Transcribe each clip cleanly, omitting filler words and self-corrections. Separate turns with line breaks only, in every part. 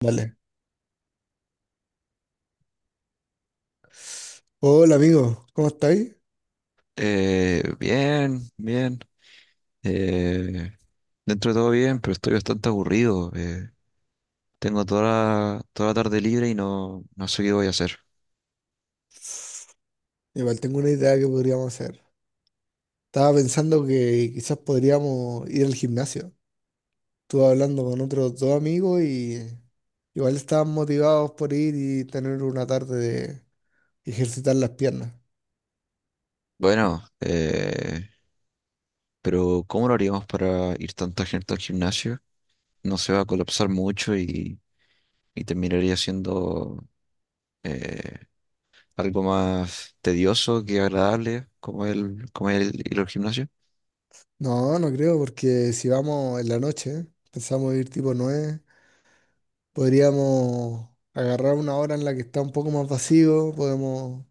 Vale. Hola amigo, ¿cómo estáis?
Bien, bien. eh, Dentro de todo bien, pero estoy bastante aburrido. Tengo toda la tarde libre y no sé qué voy a hacer.
Igual tengo una idea que podríamos hacer. Estaba pensando que quizás podríamos ir al gimnasio. Estuve hablando con otros dos amigos y igual estaban motivados por ir y tener una tarde de ejercitar las piernas.
Bueno, pero ¿cómo lo haríamos para ir tanta gente al gimnasio? No se va a colapsar mucho y terminaría siendo eh, algo más tedioso que agradable, como el ir al gimnasio.
No, no creo, porque si vamos en la noche, pensamos ir tipo 9, podríamos agarrar una hora en la que está un poco más vacío, podemos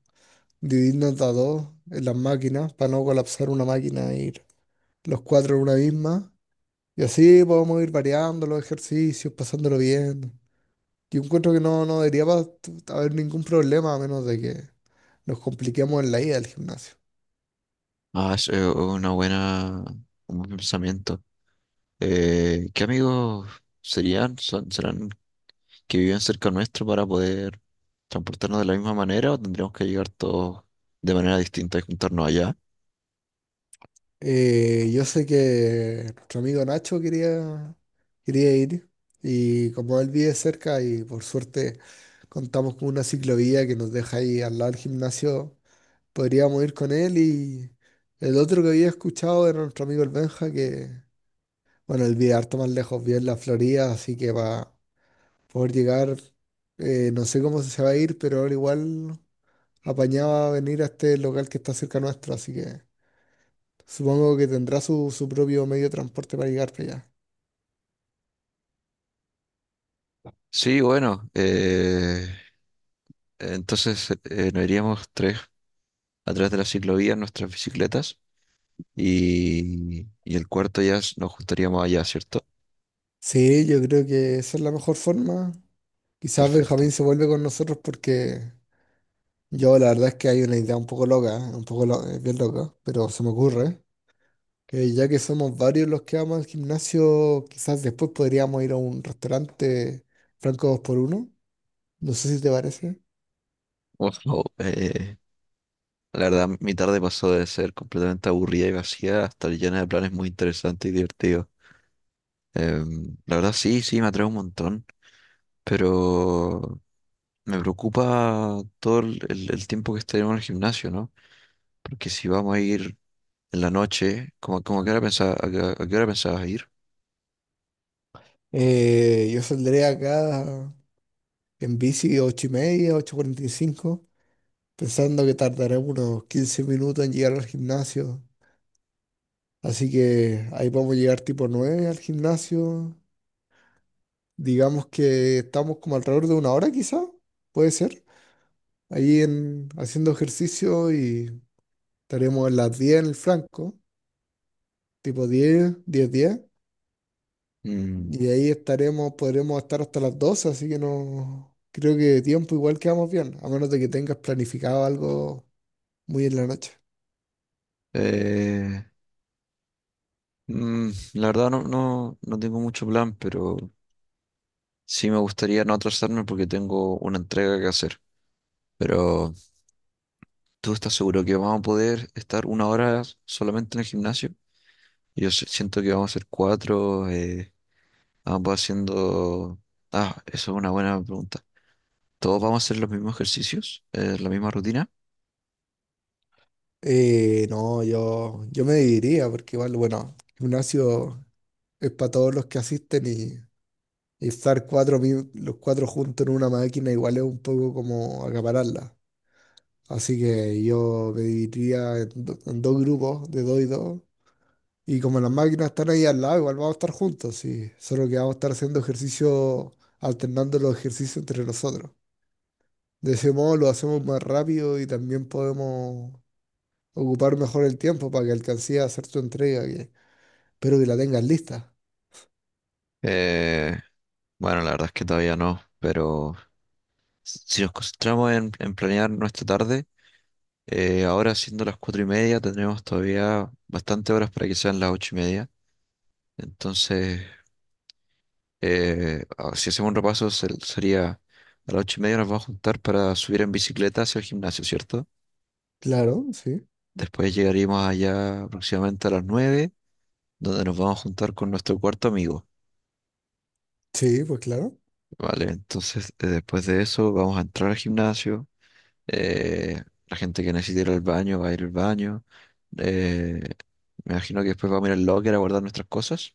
dividirnos a dos en las máquinas para no colapsar una máquina y los cuatro en una misma. Y así podemos ir variando los ejercicios, pasándolo bien. Yo encuentro que no, no debería haber ningún problema a menos de que nos compliquemos en la ida al gimnasio.
Ah, es un buen pensamiento. ¿Qué amigos serían? ¿Serán que viven cerca nuestro para poder transportarnos de la misma manera o tendríamos que llegar todos de manera distinta y juntarnos allá?
Yo sé que nuestro amigo Nacho quería ir, y como él vive cerca y por suerte contamos con una ciclovía que nos deja ahí al lado del gimnasio, podríamos ir con él, y el otro que había escuchado era nuestro amigo el Benja que, bueno, el video harto más lejos, vive en la Florida, así que va poder llegar. No sé cómo se va a ir, pero ahora igual apañaba venir a este local que está cerca nuestro, así que supongo que tendrá su propio medio de transporte para llegar para allá.
Sí, bueno, entonces nos iríamos tres a través de la ciclovía en nuestras bicicletas y el cuarto ya nos juntaríamos allá, ¿cierto?
Sí, yo creo que esa es la mejor forma. Quizás Benjamín
Perfecto.
se vuelve con nosotros porque yo la verdad es que hay una idea un poco loca, ¿eh? Un poco bien loca, pero se me ocurre. Que ya que somos varios los que vamos al gimnasio, quizás después podríamos ir a un restaurante franco dos por uno. No sé si te parece.
Wow, la verdad, mi tarde pasó de ser completamente aburrida y vacía hasta llena de planes muy interesantes y divertidos. La verdad sí, sí, me atrae un montón, pero me preocupa todo el tiempo que estaremos en el gimnasio, ¿no? ¿Porque si vamos a ir en la noche, como a qué hora pensabas ir?
Yo saldré acá en bici 8:30, 8:45, pensando que tardaré unos 15 minutos en llegar al gimnasio. Así que ahí vamos a llegar tipo 9 al gimnasio. Digamos que estamos como alrededor de una hora, quizá puede ser. Ahí en, haciendo ejercicio, y estaremos a las 10 en el franco, tipo 10 10 diez.
Mm.
Y de ahí estaremos, podremos estar hasta las 12, así que no creo que de tiempo, igual quedamos bien, a menos de que tengas planificado algo muy en la noche.
eh, la verdad no tengo mucho plan, pero sí me gustaría no atrasarme porque tengo una entrega que hacer. Pero ¿tú estás seguro que vamos a poder estar 1 hora solamente en el gimnasio? Yo siento que vamos a ser cuatro. Ambos haciendo. Ah, eso es una buena pregunta. ¿Todos vamos a hacer los mismos ejercicios? ¿La misma rutina?
No, yo me dividiría, porque igual, bueno, gimnasio es para todos los que asisten, y estar cuatro, los cuatro juntos en una máquina igual es un poco como acapararla. Así que yo me dividiría en, en dos grupos, de dos y dos. Y como las máquinas están ahí al lado, igual vamos a estar juntos, y solo que vamos a estar haciendo ejercicio, alternando los ejercicios entre nosotros. De ese modo lo hacemos más rápido y también podemos ocupar mejor el tiempo para que alcances a hacer tu entrega, que espero que la tengas lista.
Eh, bueno, la verdad es que todavía no, pero si nos concentramos en planear nuestra tarde, ahora siendo las 4:30 tendremos todavía bastante horas para que sean las 8:30. Entonces, si hacemos un repaso, sería a las 8:30 nos vamos a juntar para subir en bicicleta hacia el gimnasio, ¿cierto?
Claro, sí.
Después llegaríamos allá aproximadamente a las 9 donde nos vamos a juntar con nuestro cuarto amigo,
Sí, pues claro.
¿vale? Entonces, después de eso, vamos a entrar al gimnasio. La gente que necesite ir al baño va a ir al baño. eh, Me imagino que después vamos a ir al locker a guardar nuestras cosas.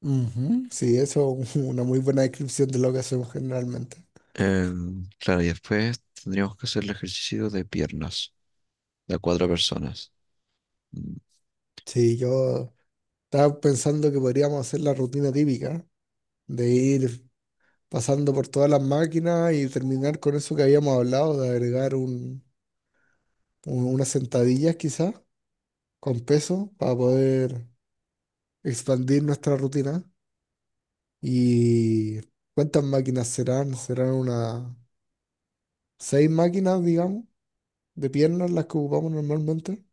Ujú. Sí, eso es una muy buena descripción de lo que hacemos generalmente.
Claro, y después tendríamos que hacer el ejercicio de piernas, de a cuatro personas. Mm.
Sí, yo estaba pensando que podríamos hacer la rutina típica de ir pasando por todas las máquinas y terminar con eso que habíamos hablado de agregar unas sentadillas quizás con peso para poder expandir nuestra rutina. ¿Y cuántas máquinas serán? Serán unas seis máquinas, digamos, de piernas las que ocupamos normalmente.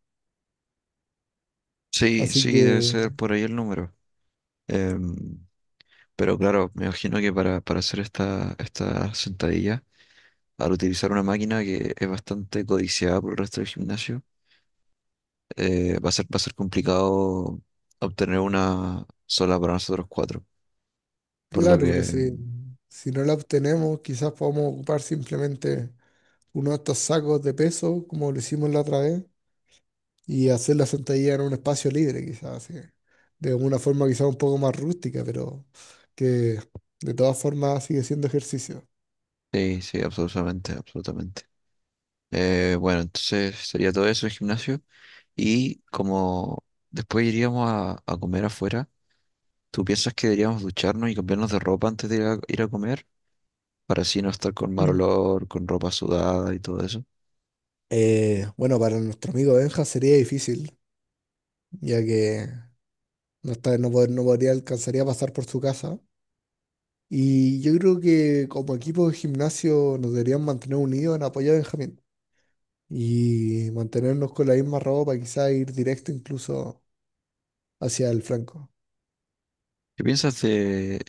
Sí,
Así
sí, debe
que,
ser por ahí el número. Em, pero claro, me imagino que para hacer esta sentadilla, al utilizar una máquina que es bastante codiciada por el resto del gimnasio, va a ser complicado obtener una sola para nosotros cuatro. Por lo
claro, pero
que,
si no la obtenemos, quizás podamos ocupar simplemente uno de estos sacos de peso, como lo hicimos la otra vez, y hacer la sentadilla en un espacio libre, quizás, así, de una forma quizás un poco más rústica, pero que de todas formas sigue siendo ejercicio.
sí, sí, absolutamente, absolutamente. Bueno, entonces sería todo eso el gimnasio. Y como después iríamos a comer afuera, ¿tú piensas que deberíamos ducharnos y cambiarnos de ropa antes de ir a comer? Para así no estar con mal
Mm.
olor, con ropa sudada y todo eso.
Bueno, para nuestro amigo Benja sería difícil, ya que no, está, no, no podría, alcanzaría a pasar por su casa. Y yo creo que como equipo de gimnasio nos deberían mantener unidos en apoyo a Benjamín y mantenernos con la misma ropa, quizás ir directo incluso hacia el flanco.
¿Qué piensas de,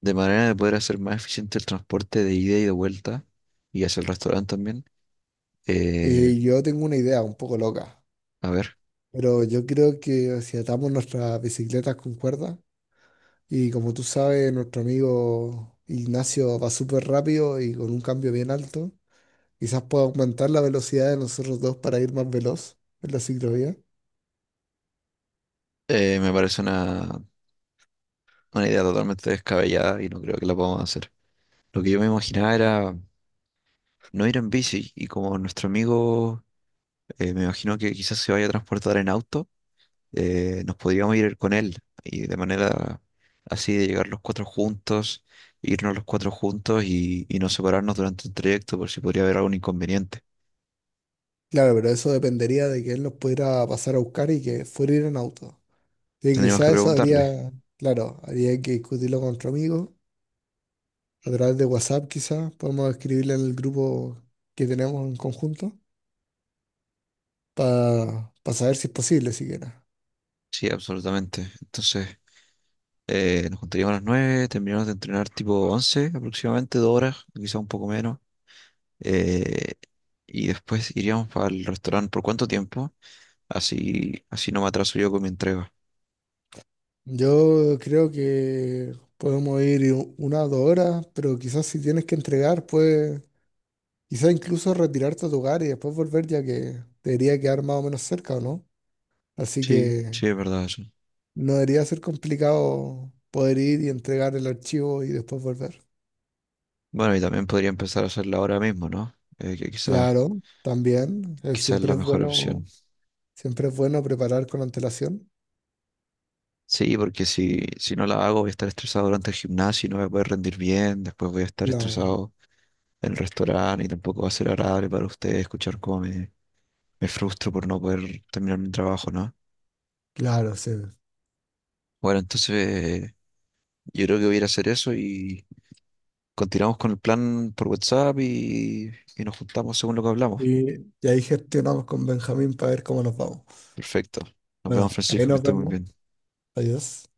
de manera de poder hacer más eficiente el transporte de ida y de vuelta y hacia el restaurante también? Eh,
Yo tengo una idea un poco loca.
a ver.
Pero yo creo que si atamos nuestras bicicletas con cuerdas, y como tú sabes, nuestro amigo Ignacio va súper rápido y con un cambio bien alto, quizás pueda aumentar la velocidad de nosotros dos para ir más veloz en la ciclovía.
Me parece una idea totalmente descabellada y no creo que la podamos hacer. Lo que yo me imaginaba era no ir en bici y como nuestro amigo me imagino que quizás se vaya a transportar en auto, nos podríamos ir con él y de manera así de llegar los cuatro juntos, irnos los cuatro juntos y no separarnos durante el trayecto por si podría haber algún inconveniente.
Claro, pero eso dependería de que él nos pudiera pasar a buscar y que fuera ir en auto. Y
Tendríamos que
quizás eso
preguntarle.
habría, claro, habría que discutirlo con nuestro amigo a través de WhatsApp, quizás podemos escribirle en el grupo que tenemos en conjunto para saber si es posible siquiera.
Sí, absolutamente. Entonces, nos juntaríamos a las 9, terminamos de entrenar tipo 11 aproximadamente, 2 horas, quizá un poco menos, eh, y después iríamos al restaurante. ¿Por cuánto tiempo? Así, así no me atraso yo con mi entrega.
Yo creo que podemos ir 1 o 2 horas, pero quizás si tienes que entregar, pues quizás incluso retirarte a tu hogar y después volver, ya que debería quedar más o menos cerca, ¿o no? Así
Sí,
que
sí, es verdad eso.
no debería ser complicado poder ir y entregar el archivo y después volver.
Bueno, y también podría empezar a hacerla ahora mismo, ¿no? Que quizás,
Claro, también,
quizás es la mejor opción.
siempre es bueno preparar con antelación.
Sí, porque si no la hago voy a estar estresado durante el gimnasio y no voy a poder rendir bien, después voy a estar
Claro,
estresado en el restaurante y tampoco va a ser agradable para ustedes escuchar cómo me frustro por no poder terminar mi trabajo, ¿no?
claro, sí.
Bueno, entonces yo creo que voy a ir a hacer eso y continuamos con el plan por WhatsApp y nos juntamos según lo que hablamos.
Y, y ahí gestionamos con Benjamín para ver cómo nos vamos.
Perfecto. Nos vemos,
Bueno, ahí
Francisco, que
nos
esté muy
vemos.
bien.
Adiós.